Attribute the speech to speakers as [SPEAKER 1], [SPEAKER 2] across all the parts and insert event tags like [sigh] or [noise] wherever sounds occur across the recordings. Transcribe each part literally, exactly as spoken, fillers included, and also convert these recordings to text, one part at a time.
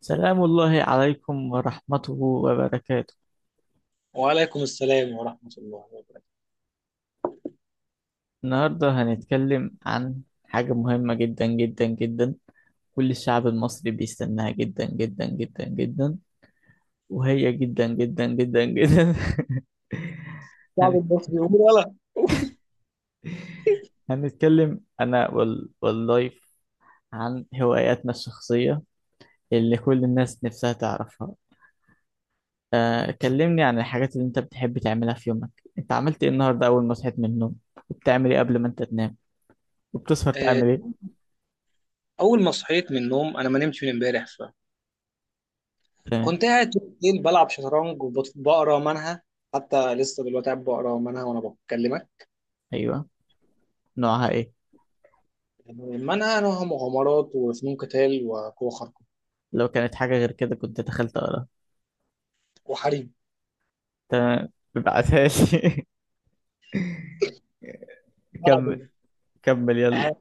[SPEAKER 1] سلام الله عليكم ورحمته وبركاته.
[SPEAKER 2] وعليكم السلام ورحمة الله وبركاته.
[SPEAKER 1] النهاردة هنتكلم عن حاجة مهمة جدا جدا جدا، كل الشعب المصري بيستناها جدا جدا جدا جدا، وهي جدا جدا جدا جدا. [laughs]
[SPEAKER 2] الشعب
[SPEAKER 1] هن-
[SPEAKER 2] المصري يقول ولا؟
[SPEAKER 1] هنتكلم أنا وال... واللايف عن هواياتنا الشخصية اللي كل الناس نفسها تعرفها. آه، كلمني عن الحاجات اللي انت بتحب تعملها في يومك. انت عملت ايه النهاردة أول ما صحيت من النوم؟ وبتعمل ايه قبل ما انت تنام؟ وبتسهر
[SPEAKER 2] آه،
[SPEAKER 1] تعمل ايه؟
[SPEAKER 2] أول ما صحيت من النوم أنا ما نمتش من امبارح،
[SPEAKER 1] تمام.
[SPEAKER 2] فكنت قاعد طول الليل بلعب شطرنج وبقرا منها. حتى لسه دلوقتي قاعد بقرا منها وأنا بكلمك.
[SPEAKER 1] ايوه، نوعها ايه؟
[SPEAKER 2] منها نوعها مغامرات وفنون قتال وقوة خارقة
[SPEAKER 1] لو كانت حاجه غير كده كنت دخلت اقراها.
[SPEAKER 2] وحريم.
[SPEAKER 1] تمام، ابعتها لي. [laughs]
[SPEAKER 2] بلعب
[SPEAKER 1] كمل،
[SPEAKER 2] إيه؟
[SPEAKER 1] كمل يلا.
[SPEAKER 2] آه،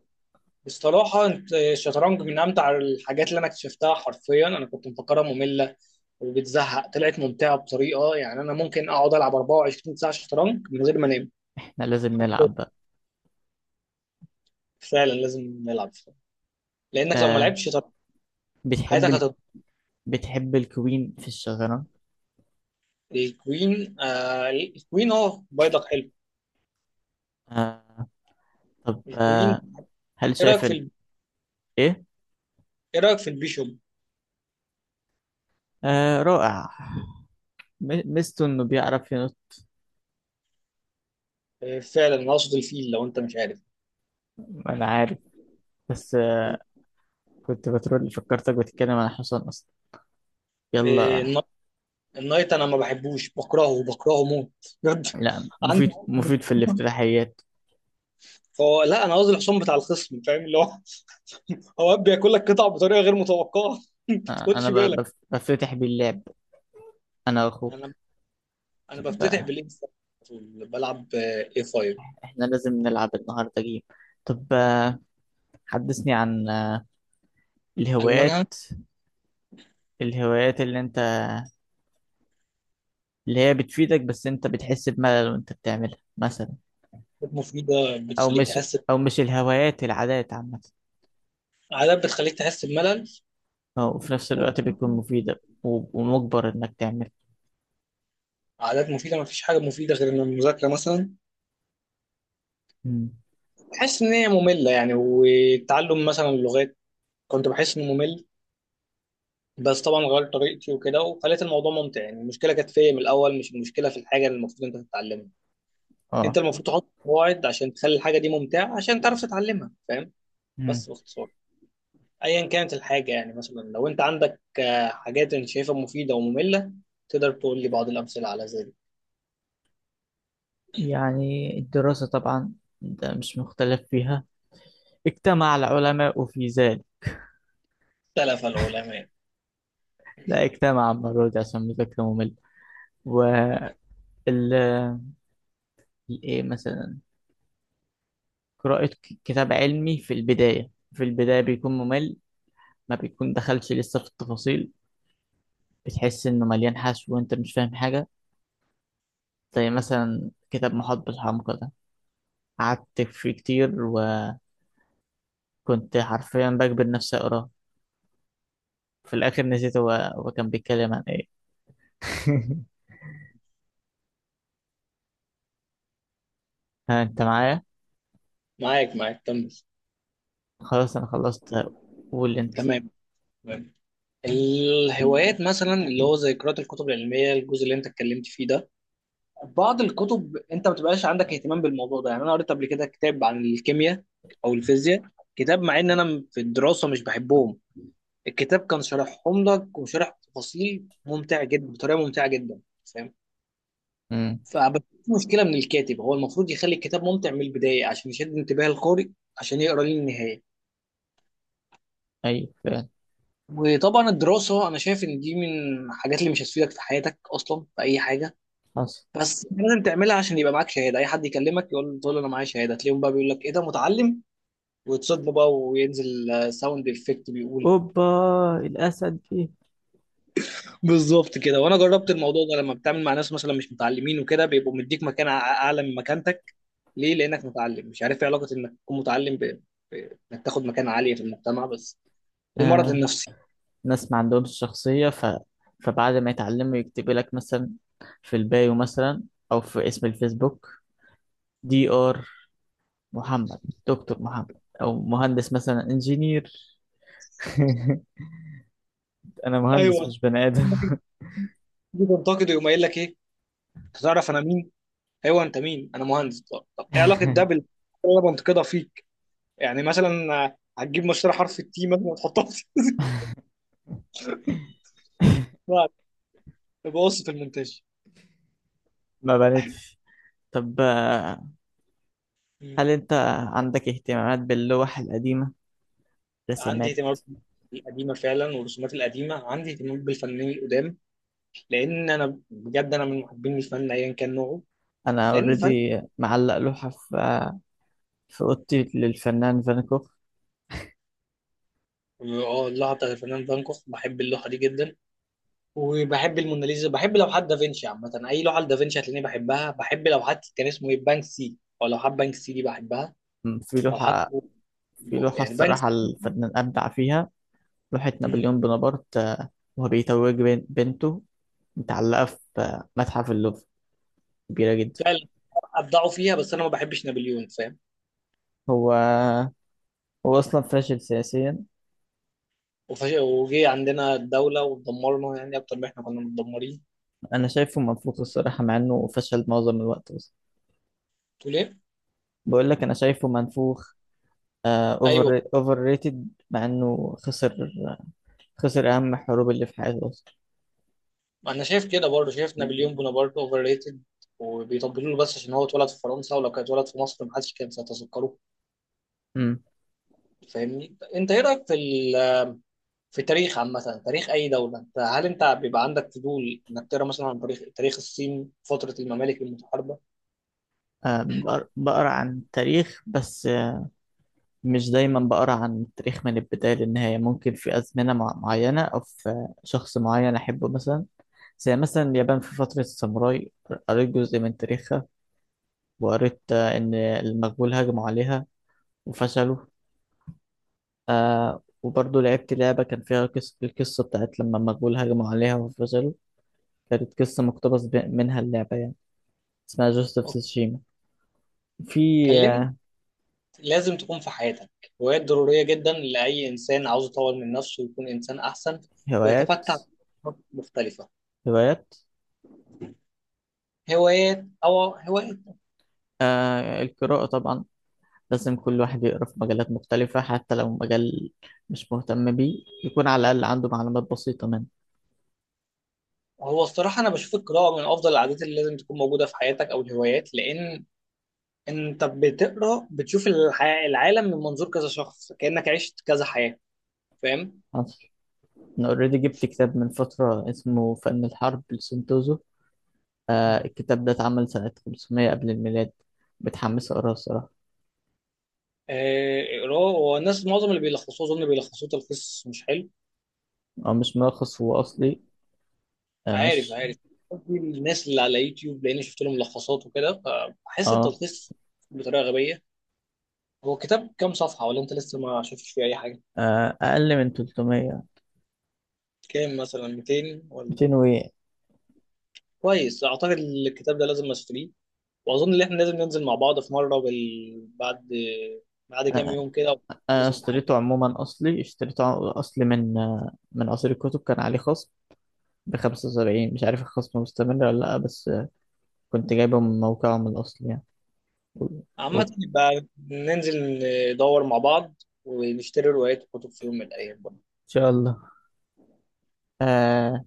[SPEAKER 2] بصراحة أنت- الشطرنج من أمتع الحاجات اللي أنا اكتشفتها. حرفيا أنا كنت مفكرها مملة وبتزهق، طلعت ممتعة بطريقة، يعني أنا ممكن أقعد ألعب أربعة وعشرين ساعة شطرنج من غير ما أنام.
[SPEAKER 1] احنا لازم
[SPEAKER 2] حرفيا
[SPEAKER 1] نلعب بقى.
[SPEAKER 2] فعلا لازم نلعب، لانك لو ما
[SPEAKER 1] آه،
[SPEAKER 2] لعبتش شطرنج
[SPEAKER 1] بتحب
[SPEAKER 2] حياتك
[SPEAKER 1] ال...
[SPEAKER 2] هتضيع.
[SPEAKER 1] بتحب الكوين في الشطرنج؟
[SPEAKER 2] الكوين آه الكوين، اه بيضك حلو.
[SPEAKER 1] آه، طب
[SPEAKER 2] الكوين.
[SPEAKER 1] آه، هل
[SPEAKER 2] ايه رايك
[SPEAKER 1] شايف
[SPEAKER 2] في
[SPEAKER 1] إن-
[SPEAKER 2] ال...
[SPEAKER 1] ايه؟
[SPEAKER 2] ايه رايك في البيشوب؟
[SPEAKER 1] آه رائع، م- ميزته انه بيعرف ينط.
[SPEAKER 2] آه فعلا، انا اقصد الفيل لو انت مش عارف.
[SPEAKER 1] انا عارف، بس آه، كنت بترول، فكرتك بتتكلم عن حصان اصلا.
[SPEAKER 2] آه
[SPEAKER 1] يلا.
[SPEAKER 2] النا- النايت انا ما بحبوش، بكرهه بكرهه موت، بجد.
[SPEAKER 1] لا،
[SPEAKER 2] عندي.
[SPEAKER 1] مفيد، مفيد في الافتتاحيات.
[SPEAKER 2] فهو لا، انا قصدي الحصان بتاع الخصم، فاهم اللي هو [laughs] اوقات بياكل لك قطع بطريقه غير متوقعه [laughs] ما
[SPEAKER 1] آه
[SPEAKER 2] تاخدش
[SPEAKER 1] انا ب...
[SPEAKER 2] بالك.
[SPEAKER 1] بف- بفتتح باللعب، انا واخوك.
[SPEAKER 2] انا انا
[SPEAKER 1] طب
[SPEAKER 2] بفتتح
[SPEAKER 1] آه،
[SPEAKER 2] بالانستا على طول، بلعب اي خمسة.
[SPEAKER 1] احنا لازم نلعب النهارده جيم. طب آه، حدثني عن آه، الهوايات،
[SPEAKER 2] المانها
[SPEAKER 1] الهوايات اللي انت اللي هي بتفيدك بس انت بتحس بملل وانت بتعملها مثلا.
[SPEAKER 2] مفيده
[SPEAKER 1] او
[SPEAKER 2] بتخليك
[SPEAKER 1] مش،
[SPEAKER 2] تحس،
[SPEAKER 1] او مش الهوايات، العادات عامة،
[SPEAKER 2] عادات بتخليك تحس بملل.
[SPEAKER 1] أو وفي نفس الوقت بتكون مفيدة و- ومجبر انك تعمل.
[SPEAKER 2] عادات مفيدة، مفيش حاجة مفيدة غير إن المذاكرة مثلا
[SPEAKER 1] مم.
[SPEAKER 2] بحس إن هي مملة، يعني والتعلم مثلا اللغات كنت بحس إنه ممل. بس طبعا غيرت طريقتي وكده وخليت الموضوع ممتع، يعني المشكلة كانت فيا من الأول، مش المشكلة في الحاجة اللي المفروض أنت تتعلمها. أنت
[SPEAKER 1] اه.
[SPEAKER 2] المفروض تحط قواعد عشان تخلي الحاجة دي ممتعة عشان تعرف تتعلمها، فاهم؟
[SPEAKER 1] مم.
[SPEAKER 2] بس باختصار، أيا كانت الحاجة، يعني مثلا لو أنت عندك آه، حاجات أنت شايفها مفيدة ومملة، تقدر تقول لي بعض الأمثلة على ذلك.
[SPEAKER 1] يعني الدراسة طبعا، ده مش مختلف فيها. اجتمع العلماء في ذلك.
[SPEAKER 2] اختلف العلماء.
[SPEAKER 1] لا، اجتمع المرة دي عشان مذاكرة مملة. وال ايه مثلا، قراءة ك- كتاب علمي، في البداية في البداية بيكون ممل، ما بيكون دخلش لسه في التفاصيل، بتحس إنه مليان حشو وأنت مش فاهم حاجة. زي مثلا كتاب محاط بالحمقى ده، قعدت فيه كتير وكنت حرفيا بجبر نفسي أقراه، في الآخر نسيت هو هو كان بيتكلم عن إيه. [laughs] ها، أنت معايا؟
[SPEAKER 2] معاك معاك، كمل.
[SPEAKER 1] خلاص أنا خلصت، قول أنت.
[SPEAKER 2] تمام. الهوايات مثلا اللي هو زي قراءة الكتب العلمية، الجزء اللي انت اتكلمت فيه ده، بعض الكتب انت ما بتبقاش عندك اهتمام بالموضوع ده. يعني انا قريت قبل كده كتاب عن الكيمياء او الفيزياء، كتاب مع ان انا في الدراسة مش بحبهم، الكتاب كان شارحهم لك وشارح تفاصيل ممتع جدا بطريقة ممتعة جدا، فاهم؟
[SPEAKER 1] أمم.
[SPEAKER 2] فبس في مشكلة من الكاتب، هو المفروض يخلي الكتاب ممتع من البداية عشان يشد انتباه القارئ عشان يقرا للنهاية.
[SPEAKER 1] أيوه فعلا.
[SPEAKER 2] وطبعا الدراسة أنا شايف إن دي من الحاجات اللي مش هتفيدك في حياتك أصلا في أي حاجة،
[SPEAKER 1] حصل.
[SPEAKER 2] بس أنت لازم تعملها عشان يبقى معاك شهادة. أي حد يكلمك يقول، تقول له أنا معايا شهادة، تلاقيهم بقى بيقول لك إيه ده متعلم، وتصدمه بقى وينزل آه، ساوند إفكت بيقول.
[SPEAKER 1] أوبا، الأسد.
[SPEAKER 2] بالظبط كده، وأنا جربت الموضوع ده، لما بتعمل مع ناس مثلا مش متعلمين وكده بيبقوا مديك مكان أع- أعلى من مكانتك. ليه؟ لأنك متعلم. مش عارف إيه علاقة إنك تكون متعلم ب- ب- إنك تاخد مكان عالية في المجتمع بس. المرض
[SPEAKER 1] دي
[SPEAKER 2] النفسي.
[SPEAKER 1] ناس ما عندهمش شخصية ف... فبعد ما يتعلموا يكتب لك مثلا في البايو مثلا، أو في اسم الفيسبوك، دي آر محمد، دكتور محمد، أو مهندس مثلا، انجينير. [laughs] أنا مهندس
[SPEAKER 2] ايوه
[SPEAKER 1] مش بني آدم.
[SPEAKER 2] [laughs] تنتقد يقوم قايل لك ايه؟ تعرف انا مين؟ ايوه انت مين، انا مهندس. طب, طب ايه علاقه ده
[SPEAKER 1] [laughs]
[SPEAKER 2] بال اللي انا بنتقدها فيك؟ يعني مثلا آه، هتجيب مشتري حرف التي مثلا وتحطها في [laughs] بعد، يبقى قصه المونتاج.
[SPEAKER 1] ما بنتش. طب آه،
[SPEAKER 2] مم.
[SPEAKER 1] هل أنت عندك اهتمامات باللوح القديمة،
[SPEAKER 2] عندي
[SPEAKER 1] رسمات؟
[SPEAKER 2] اهتمامات القديمه فعلا والرسومات القديمه، عندي اهتمام بالفنانين القدام، لان انا بجد انا من محبين الفن ايا كان نوعه.
[SPEAKER 1] أنا
[SPEAKER 2] لان الفن
[SPEAKER 1] أوريدي معلق لوحة في آه، في أوضتي للفنان فان كوخ.
[SPEAKER 2] اه اللوحه بتاعت الفنان فان كوخ، بحب اللوحه دي جدا، وبحب الموناليزا، بحب لوحات دافنشي عامه، اي لوحه لدافنشي هتلاقيني بحبها، بحب لوحات كان اسمه ايه بانكسي، او لوحات بانكسي دي بحبها.
[SPEAKER 1] في
[SPEAKER 2] لوحات
[SPEAKER 1] لوحة في
[SPEAKER 2] ب-
[SPEAKER 1] لوحة
[SPEAKER 2] يعني بنك.
[SPEAKER 1] الصراحة الفنان أبدع فيها، لوحة نابليون بونابرت آه، وهو بيتوج بن- بنته، متعلقة في آه، متحف اللوفر، كبيرة جدا.
[SPEAKER 2] فعلا ابدعوا فيها بس انا ما بحبش نابليون، فاهم؟
[SPEAKER 1] هو هو أصلا فاشل سياسيا.
[SPEAKER 2] وفش... وجي عندنا الدوله ودمرنا، يعني اكتر ما احنا كنا متدمرين.
[SPEAKER 1] أنا شايفه منفوخ الصراحة مع إنه فشل معظم الوقت، بس
[SPEAKER 2] تقول ايه؟
[SPEAKER 1] بقول لك أنا شايفه منفوخ،
[SPEAKER 2] ايوه
[SPEAKER 1] أوفر أوفر ريتد، مع إنه خسر، خسر أهم الحروب اللي في حياته أصلا.
[SPEAKER 2] انا شايف كده برضه، شايف نابليون بونابرت اوفر ريتد، وبيطبلوا له بس عشان هو اتولد في فرنسا، ولو كان اتولد في مصر ما حدش كان سيتذكره.
[SPEAKER 1] أمم.
[SPEAKER 2] فاهمني انت؟ ايه رايك في ال... في تاريخ عامه، تاريخ اي دوله، انت هل انت بيبقى عندك فضول انك تقرا مثلا عن تاريخ تاريخ الصين فتره الممالك المتحاربه؟
[SPEAKER 1] آه، بقر- بقرا عن تاريخ، بس آه، مش دايما بقرا عن التاريخ من البداية للنهاية، ممكن في أزمنة مع- معينة أو في شخص معين أحبه مثلا، زي مثلا اليابان في فترة الساموراي، قريت جزء من تاريخها. وقريت آه، إن المغول هجموا عليها وفشلوا. آه، وبرضه لعبت لعبة كان فيها قصة، القصة بتاعت لما المغول هجموا عليها وفشلوا، كانت قصة مقتبس ب- منها اللعبة يعني، اسمها جوست اوف تسوشيما. في
[SPEAKER 2] كلمني.
[SPEAKER 1] آه،
[SPEAKER 2] لازم تكون في حياتك هوايات ضرورية جدا لأي إنسان عاوز يطور من نفسه ويكون إنسان أحسن
[SPEAKER 1] هوايات،
[SPEAKER 2] ويتفتح آفاق مختلفة.
[SPEAKER 1] هوايات،
[SPEAKER 2] هوايات أو هوايات.
[SPEAKER 1] آه القراءة طبعا، لازم كل واحد يقرأ في مجالات مختلفة حتى لو مجال مش مهتم بيه، يكون على الأقل عنده معلومات بسيطة
[SPEAKER 2] هو الصراحة أنا بشوف القراءة من أفضل العادات اللي لازم تكون موجودة في حياتك أو الهوايات، لأن أنت بتقرأ بتشوف الح- العالم من منظور كذا شخص، كأنك عشت كذا حياة، فاهم؟
[SPEAKER 1] منه. أنا أوريدي جبت كتاب من فترة اسمه فن الحرب لسنتوزو. آه الكتاب ده اتعمل سنة 500 قبل الميلاد، متحمس أقراه الصراحة.
[SPEAKER 2] آه، قراءة، والناس معظم اللي بيلخصوه أظن بيلخصوه تلخيص مش حلو.
[SPEAKER 1] هو مش ملخص، هو أصلي. آه,
[SPEAKER 2] عارف
[SPEAKER 1] ش-
[SPEAKER 2] عارف، قصدي الناس اللي على يوتيوب، لاني شفت لهم ملخصات وكده فبحس
[SPEAKER 1] آه,
[SPEAKER 2] التلخيص بطريقه غبيه. هو كتاب كام صفحه ولا انت لسه ما شفتش فيه اي حاجه؟
[SPEAKER 1] آه أقل من تلتمية.
[SPEAKER 2] كام، مثلا ميتين ولا؟
[SPEAKER 1] مئتين وإيه.
[SPEAKER 2] كويس، اعتقد الكتاب ده لازم اشتريه. واظن ان احنا لازم ننزل مع بعض في مره بال... بعد بعد كام
[SPEAKER 1] آه
[SPEAKER 2] يوم كده ونخلص
[SPEAKER 1] أنا
[SPEAKER 2] امتحانات.
[SPEAKER 1] اشتريته عموما أصلي، اشتريته ع- أصلي من آه من قصير الكتب، كان عليه خصم ب خمسة وسبعين، مش عارف الخصم مستمر ولا لأ، بس آه كنت جايبه من موقعهم الأصلي يعني. و- و-
[SPEAKER 2] عامه
[SPEAKER 1] إن
[SPEAKER 2] يبقى ننزل ندور مع بعض ونشتري روايات وكتب في يوم من الايام.
[SPEAKER 1] شاء الله. آه،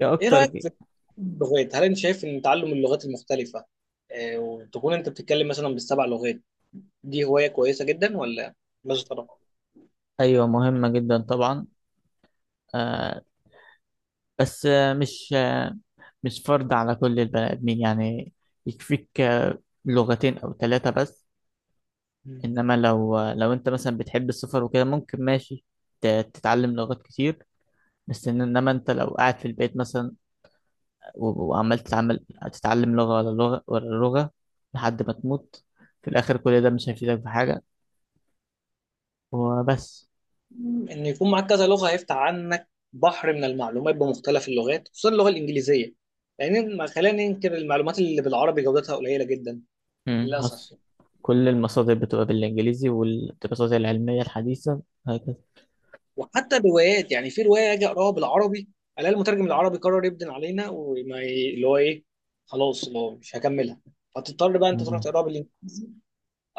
[SPEAKER 1] يا
[SPEAKER 2] ايه
[SPEAKER 1] أكتر.
[SPEAKER 2] رايك في اللغات؟ هل انت شايف ان تعلم اللغات المختلفه آه، وتكون انت بتتكلم مثلا بالسبع لغات دي هوايه كويسه جدا ولا؟ ماذا ترى؟
[SPEAKER 1] أيوة مهمة جدا طبعا، آه بس آه مش آه مش فرض على كل البني آدمين يعني، يكفيك آه لغتين أو ثلاثة بس.
[SPEAKER 2] مم.
[SPEAKER 1] إنما لو آه لو أنت مثلا بتحب السفر وكده ممكن ماشي ت- تتعلم لغات كتير. بس إن- إنما أنت لو قاعد في البيت مثلا و- وعمال تتعمل، تتعلم لغة ورا لغة ورا لغة لحد ما تموت، في الآخر كل ده مش هيفيدك في حاجة وبس.
[SPEAKER 2] مم، ان يكون معاك كذا لغه هيفتح عنك بحر من المعلومات بمختلف اللغات خصوصا اللغه الانجليزيه، لان ما خلينا ننكر المعلومات اللي بالعربي جودتها قليله جدا،
[SPEAKER 1] مم، حصل.
[SPEAKER 2] للاسف.
[SPEAKER 1] كل المصادر بتبقى بالإنجليزي والدراسات العلمية الحديثة هكذا.
[SPEAKER 2] وحتى الروايات، يعني في روايه اجي اقراها بالعربي الاقي المترجم العربي قرر يبدن علينا، وما ي- اللي هو ايه، خلاص اللي هو مش هكملها، فتضطر بقى انت تروح
[SPEAKER 1] مم.
[SPEAKER 2] تقراها.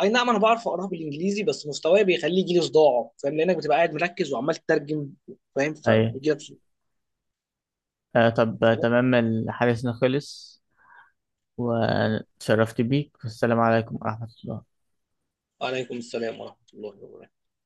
[SPEAKER 2] اي نعم انا بعرف اقراها بالانجليزي بس مستواي بيخليه يجي لي صداع، فاهم؟ لانك بتبقى قاعد مركز وعمال تترجم، فاهم؟
[SPEAKER 1] أيوه.
[SPEAKER 2] فبيجي لك صداع.
[SPEAKER 1] آه طب آه، تمام الحديث خلص، واتشرفت بيك والسلام عليكم ورحمة الله.
[SPEAKER 2] عليكم السلام ورحمه الله وبركاته.